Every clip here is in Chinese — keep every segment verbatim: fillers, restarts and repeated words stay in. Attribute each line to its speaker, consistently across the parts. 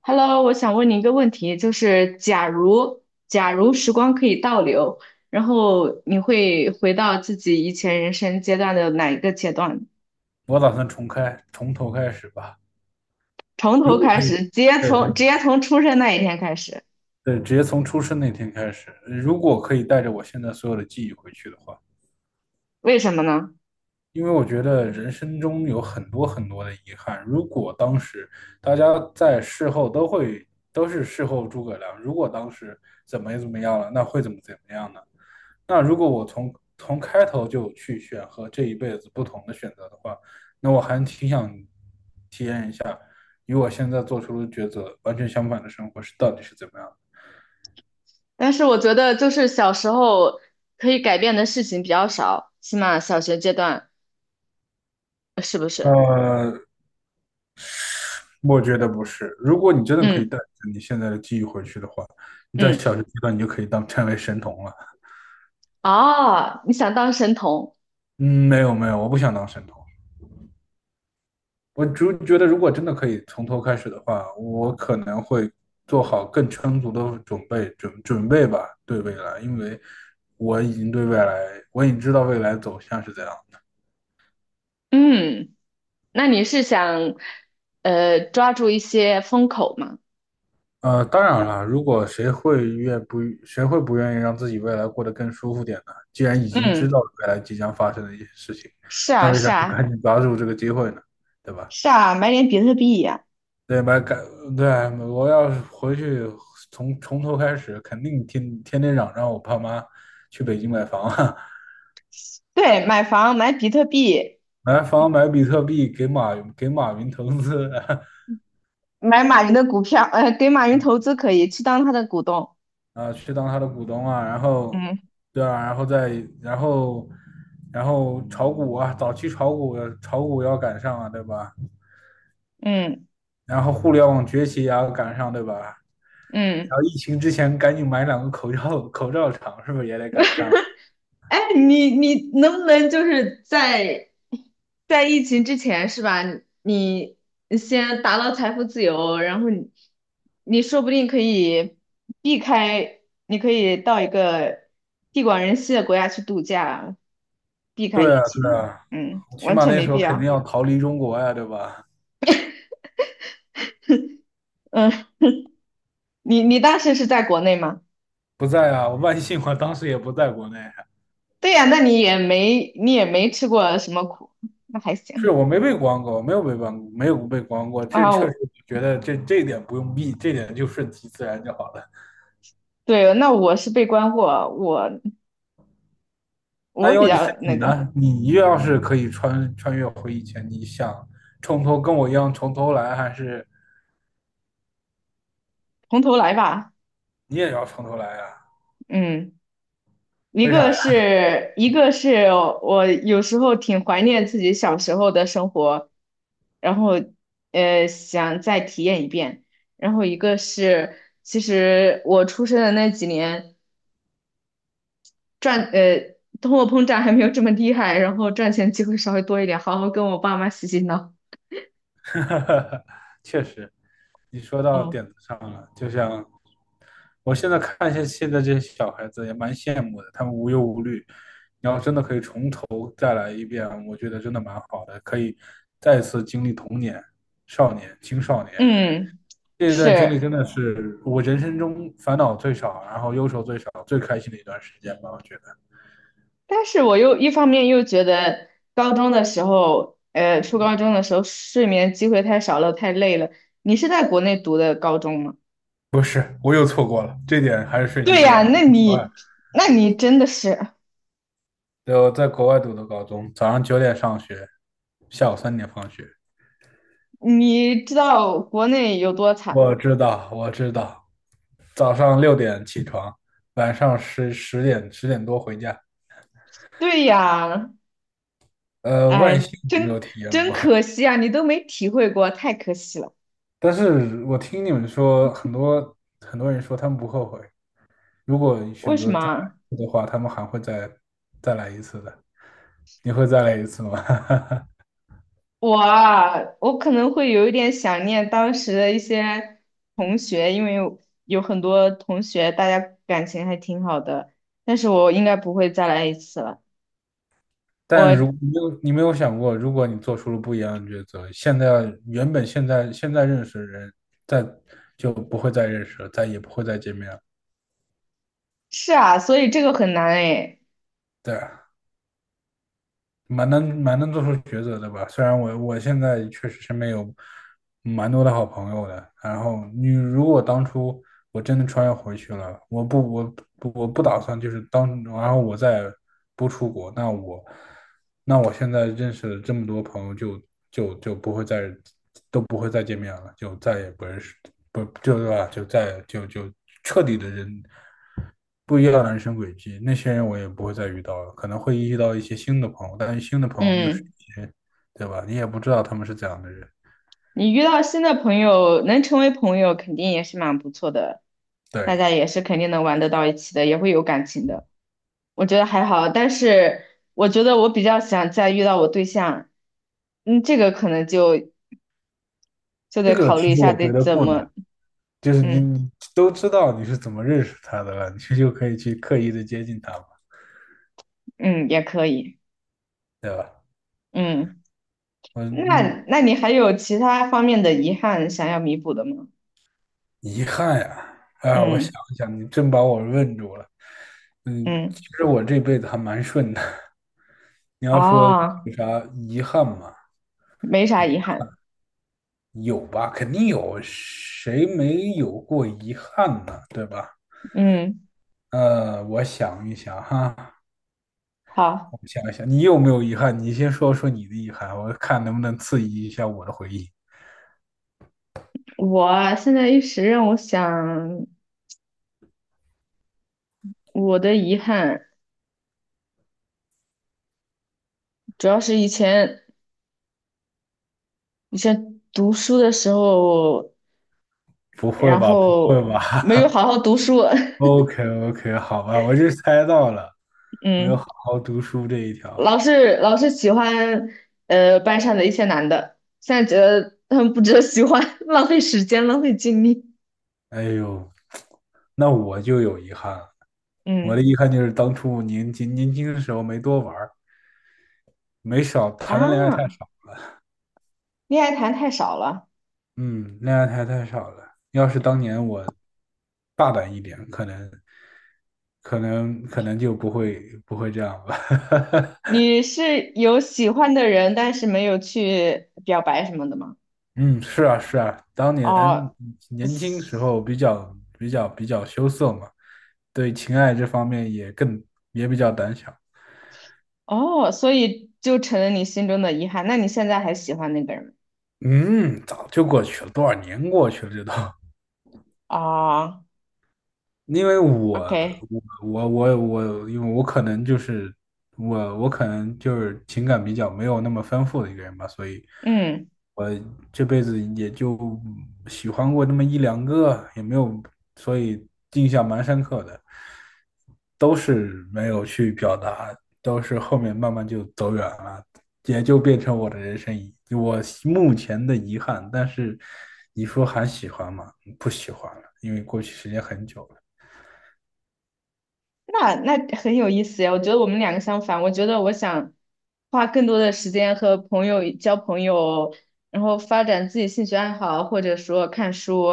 Speaker 1: Hello，我想问你一个问题，就是假如假如时光可以倒流，然后你会回到自己以前人生阶段的哪一个阶段？
Speaker 2: 我打算重开，从头开始吧。
Speaker 1: 从头
Speaker 2: 如果
Speaker 1: 开
Speaker 2: 可以，
Speaker 1: 始，直接
Speaker 2: 对，
Speaker 1: 从直接从出生那一天开始，
Speaker 2: 对，直接从出生那天开始。如果可以带着我现在所有的记忆回去的话，
Speaker 1: 为什么呢？
Speaker 2: 因为我觉得人生中有很多很多的遗憾。如果当时大家在事后都会都是事后诸葛亮，如果当时怎么怎么样了，那会怎么怎么样呢？那如果我从从开头就去选和这一辈子不同的选择的话，那我还挺想与我现在做出的抉择完全相反的生活是到底是怎么样
Speaker 1: 但是我觉得就是小时候可以改变的事情比较少，起码小学阶段是不
Speaker 2: 的？
Speaker 1: 是？
Speaker 2: 呃，我觉得不是。如果你真的可以
Speaker 1: 嗯
Speaker 2: 带着你现在的记忆回去的话，你在
Speaker 1: 嗯，
Speaker 2: 小学阶段你就可以当成为神童了。
Speaker 1: 哦，你想当神童？
Speaker 2: 嗯，没有没有，我不想当神童。我只觉得如果真的可以从头开始的话，我可能会做好更充足的准备，准准备吧，对未来，因为我已经对未来，我已经知道未来走向是怎样。
Speaker 1: 嗯，那你是想呃抓住一些风口吗？
Speaker 2: 呃，当然了，如果谁会愿不，谁会不愿意让自己未来过得更舒服点呢？既然已经知
Speaker 1: 嗯。
Speaker 2: 道未来即将发生的一些事情，
Speaker 1: 是
Speaker 2: 那
Speaker 1: 啊，
Speaker 2: 为啥
Speaker 1: 是
Speaker 2: 不
Speaker 1: 啊，
Speaker 2: 赶紧抓住这个机会呢？对吧？
Speaker 1: 是啊，买点比特币呀、
Speaker 2: 对吧？赶，对，我要是回去从从头开始，肯定天天天嚷嚷我爸妈去北京买房啊，
Speaker 1: 对，买房，买比特币，
Speaker 2: 买房买比特币，给马给马云投资，
Speaker 1: 买马云的股票，呃，给马云投资可以，去当他的股东。
Speaker 2: 啊，去当他的股东啊，然后，
Speaker 1: 嗯
Speaker 2: 对啊，然后再然后，然后炒股啊，早期炒股炒股要赶上啊，对吧？
Speaker 1: 嗯
Speaker 2: 然后互联网崛起也要赶上，对吧？
Speaker 1: 嗯，
Speaker 2: 然后疫情之前赶紧买两个口罩，口罩厂是不是也得赶上？
Speaker 1: 哎，你你能不能就是在在疫情之前是吧？你你先达到财富自由，然后你你说不定可以避开，你可以到一个地广人稀的国家去度假，避开疫
Speaker 2: 对啊，
Speaker 1: 情
Speaker 2: 对
Speaker 1: 呢。
Speaker 2: 啊，
Speaker 1: 嗯，
Speaker 2: 起
Speaker 1: 完
Speaker 2: 码
Speaker 1: 全
Speaker 2: 那
Speaker 1: 没
Speaker 2: 时
Speaker 1: 必
Speaker 2: 候肯定
Speaker 1: 要。
Speaker 2: 要逃离中国呀，对吧？
Speaker 1: 嗯，你你当时是在国内吗？
Speaker 2: 不在啊，万幸我当时也不在国内，
Speaker 1: 对呀，那你也没你也没吃过什么苦，那还
Speaker 2: 是
Speaker 1: 行
Speaker 2: 我没被关过，没有被关，没有被关过，这确
Speaker 1: 啊。
Speaker 2: 实觉得这这一点不用避，这点就顺其自然就好了。
Speaker 1: 对，那我是被关过，我
Speaker 2: 那
Speaker 1: 我比
Speaker 2: 要你是
Speaker 1: 较那
Speaker 2: 你
Speaker 1: 个，
Speaker 2: 呢？你要是可以穿穿越回以前，你想从头跟我一样从头来，还是
Speaker 1: 从头来吧。
Speaker 2: 你也要从头来啊？
Speaker 1: 嗯，一
Speaker 2: 为
Speaker 1: 个
Speaker 2: 啥呀？
Speaker 1: 是一个是我有时候挺怀念自己小时候的生活，然后呃想再体验一遍。然后一个是，其实我出生的那几年。赚呃通货膨胀还没有这么厉害，然后赚钱机会稍微多一点，好好跟我爸妈洗洗脑。
Speaker 2: 确实，你说到点
Speaker 1: 嗯
Speaker 2: 子上了。就像我现在看一些现在这些小孩子，也蛮羡慕的，他们无忧无虑。你要真的可以从头再来一遍，我觉得真的蛮好的，可以再次经历童年、少年、青少年。
Speaker 1: 嗯，
Speaker 2: 这一段经历
Speaker 1: 是，
Speaker 2: 真的是我人生中烦恼最少，然后忧愁最少、最开心的一段时间吧。我觉得
Speaker 1: 但是我又一方面又觉得高中的时候，呃，初高中的时候睡眠机会太少了，太累了。你是在国内读的高中吗？
Speaker 2: 我又错过了，这点还是顺其
Speaker 1: 对
Speaker 2: 自
Speaker 1: 呀，
Speaker 2: 然。我
Speaker 1: 那
Speaker 2: 在国外，
Speaker 1: 你那你真的是，
Speaker 2: 对，我在国外读的高中，早上九点上学，下午三点放学。
Speaker 1: 你知道国内有多惨
Speaker 2: 我
Speaker 1: 吗？
Speaker 2: 知道，我知道，早上六点起床，晚上十十点十点多回家。
Speaker 1: 对呀，
Speaker 2: 呃，万幸
Speaker 1: 哎，
Speaker 2: 我没有
Speaker 1: 真
Speaker 2: 体验
Speaker 1: 真
Speaker 2: 过，
Speaker 1: 可惜啊，你都没体会过，太可惜了。
Speaker 2: 但是我听你们说，很多很多人说他们不后悔，如果
Speaker 1: 为
Speaker 2: 选
Speaker 1: 什
Speaker 2: 择
Speaker 1: 么
Speaker 2: 再来
Speaker 1: 啊
Speaker 2: 一次的话，他们还会再再来一次的。你会再来一次吗？
Speaker 1: 我啊，我可能会有一点想念当时的一些同学，因为有有很多同学大家感情还挺好的，但是我应该不会再来一次了。
Speaker 2: 但如
Speaker 1: 我
Speaker 2: 你没有你没有想过，如果你做出了不一样的抉择，现在原本现在现在认识的人，再就不会再认识了，再也不会再见面了。
Speaker 1: 是啊，所以这个很难诶。
Speaker 2: 对啊。蛮难蛮能做出抉择的吧。虽然我我现在确实身边有蛮多的好朋友的，然后你如果当初我真的穿越回去了，我不我不我不打算就是当然后我再不出国，那我那我现在认识的这么多朋友就就就不会再都不会再见面了，就再也不认识不就对吧？就再就就彻底的人不一样的人生轨迹，那些人我也不会再遇到了，可能会遇到一些新的朋友，但是新的朋友又是
Speaker 1: 嗯，
Speaker 2: 一些，对吧？你也不知道他们是怎样的人。
Speaker 1: 你遇到新的朋友，能成为朋友肯定也是蛮不错的，大
Speaker 2: 对，
Speaker 1: 家也是肯定能玩得到一起的，也会有感情的。我觉得还好，但是我觉得我比较想再遇到我对象，嗯，这个可能就就
Speaker 2: 这
Speaker 1: 得
Speaker 2: 个
Speaker 1: 考虑
Speaker 2: 其
Speaker 1: 一
Speaker 2: 实
Speaker 1: 下
Speaker 2: 我
Speaker 1: 得
Speaker 2: 觉得
Speaker 1: 怎
Speaker 2: 不难，
Speaker 1: 么，
Speaker 2: 就是你
Speaker 1: 嗯
Speaker 2: 你都知道你是怎么认识他的了，你就可以去刻意的接近他嘛，
Speaker 1: 嗯，也可以，
Speaker 2: 对吧？
Speaker 1: 嗯，
Speaker 2: 嗯嗯，
Speaker 1: 那那你还有其他方面的遗憾想要弥补的吗？
Speaker 2: 遗憾呀，啊，我想
Speaker 1: 嗯
Speaker 2: 一想，你真把我问住了。嗯，其
Speaker 1: 嗯，
Speaker 2: 实我这辈子还蛮顺的。你要说
Speaker 1: 哦，
Speaker 2: 有啥遗憾吗？
Speaker 1: 没啥遗憾，
Speaker 2: 有吧，肯定有，谁没有过遗憾呢？对吧？
Speaker 1: 嗯，
Speaker 2: 呃，我想一想哈，
Speaker 1: 好，
Speaker 2: 我想一想，你有没有遗憾？你先说说你的遗憾，我看能不能刺激一下我的回忆。
Speaker 1: 我现在一时让我想，我的遗憾主要是以前以前读书的时候，
Speaker 2: 不会
Speaker 1: 然
Speaker 2: 吧，不会
Speaker 1: 后
Speaker 2: 吧
Speaker 1: 没有 好好读书，
Speaker 2: ？OK OK，好吧，我就猜到了，没有
Speaker 1: 嗯。
Speaker 2: 好好读书这一条。
Speaker 1: 老是老是喜欢呃班上的一些男的，现在觉得他们不值得喜欢，浪费时间，浪费精力。
Speaker 2: 哎呦，那我就有遗憾了。我的
Speaker 1: 嗯
Speaker 2: 遗憾就是当初年轻年轻的时候没多玩儿，没少谈的恋爱太
Speaker 1: 啊，
Speaker 2: 少。
Speaker 1: 恋爱谈太少了。
Speaker 2: 嗯，恋爱还太少了。要是当年我大胆一点，可能，可能，可能就不会不会这样吧。
Speaker 1: 你是有喜欢的人，但是没有去表白什么的吗？
Speaker 2: 嗯，是啊，是啊，当年
Speaker 1: 哦，
Speaker 2: 年轻时
Speaker 1: 嘶
Speaker 2: 候比较比较比较羞涩嘛，对情爱这方面也更也比较胆小。
Speaker 1: 哦，所以就成了你心中的遗憾。那你现在还喜欢那个人吗？
Speaker 2: 嗯，早就过去了，多少年过去了，这都。
Speaker 1: 哦
Speaker 2: 因为我
Speaker 1: ，OK,
Speaker 2: 我我我我，因为我可能就是我我可能就是情感比较没有那么丰富的一个人吧，所以。
Speaker 1: 嗯。
Speaker 2: 我这辈子也就喜欢过那么一两个，也没有，所以印象蛮深刻的，都是没有去表达，都是后面慢慢就走远了，也就变成我的人生遗，我目前的遗憾。但是你说还喜欢吗？不喜欢了，因为过去时间很久了。
Speaker 1: 那那很有意思呀，我觉得我们两个相反。我觉得我想花更多的时间和朋友交朋友，然后发展自己兴趣爱好，或者说看书。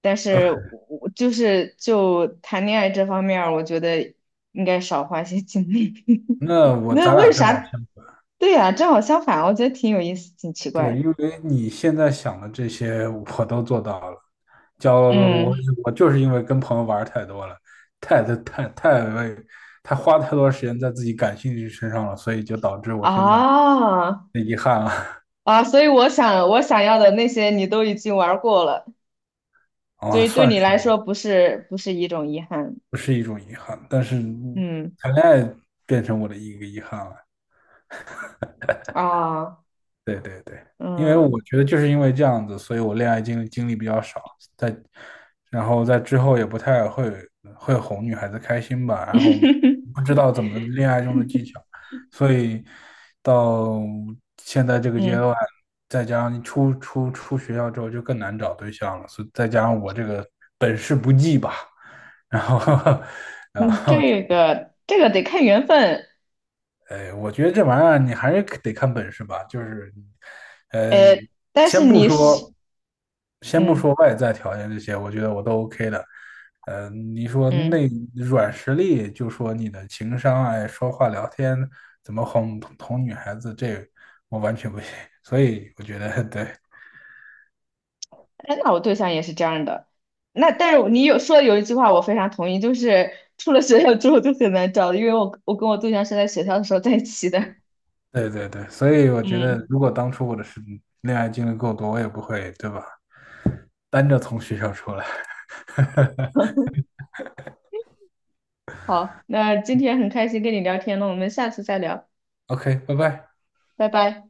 Speaker 1: 但是我就是就谈恋爱这方面儿我觉得应该少花些精力。
Speaker 2: 那嗯 我
Speaker 1: 那
Speaker 2: 咱俩
Speaker 1: 为
Speaker 2: 正好
Speaker 1: 啥？
Speaker 2: 相。
Speaker 1: 对呀，正好相反，我觉得挺有意思，挺奇怪
Speaker 2: 对，
Speaker 1: 的。
Speaker 2: 因为你现在想的这些我都做到了，交我
Speaker 1: 嗯，
Speaker 2: 我就是因为跟朋友玩儿太多了，太太太太为太花太多时间在自己感兴趣身上了，所以就导致我现在
Speaker 1: 啊
Speaker 2: 的遗憾了
Speaker 1: 啊，所以我想我想要的那些你都已经玩儿过了。所
Speaker 2: 啊，
Speaker 1: 以对
Speaker 2: 算
Speaker 1: 你
Speaker 2: 是
Speaker 1: 来说
Speaker 2: 吧，
Speaker 1: 不是不是一种遗憾，
Speaker 2: 不是一种遗憾，但是
Speaker 1: 嗯
Speaker 2: 谈恋爱变成我的一个遗憾了。
Speaker 1: 啊，
Speaker 2: 对对对，因为
Speaker 1: 嗯
Speaker 2: 我觉得就是因为这样子，所以我恋爱经历经历比较少，在然后在之后也不太会会哄女孩子开心吧，然后不知道怎么恋爱中的技巧，所以到现在这个阶
Speaker 1: 嗯
Speaker 2: 段，再加上出出出学校之后就更难找对象了，所以再加上我这个本事不济吧，然后 然
Speaker 1: 嗯，
Speaker 2: 后就
Speaker 1: 这个这个得看缘分，
Speaker 2: 哎，我觉得这玩意儿你还是得看本事吧。就是，呃，
Speaker 1: 呃，但是
Speaker 2: 先不
Speaker 1: 你是，
Speaker 2: 说，先不
Speaker 1: 嗯
Speaker 2: 说外在条件这些，我觉得我都 OK 的。呃，你说
Speaker 1: 嗯，
Speaker 2: 内软实力，就说你的情商啊，说话聊天，怎么哄哄女孩子，这我完全不行。所以我觉得，对
Speaker 1: 哎，那我对象也是这样的，那但是你有说的有一句话我非常同意，就是出了学校之后就很难找的因为我我跟我对象是在学校的时候在一起的，
Speaker 2: 对对对，所以 我觉得，
Speaker 1: 嗯，
Speaker 2: 如果当初我的是恋爱经历够多，我也不会，对吧？单着从学校出来。
Speaker 1: 好，那今天很开心跟你聊天了，我们下次再聊，
Speaker 2: OK,拜拜。
Speaker 1: 拜拜。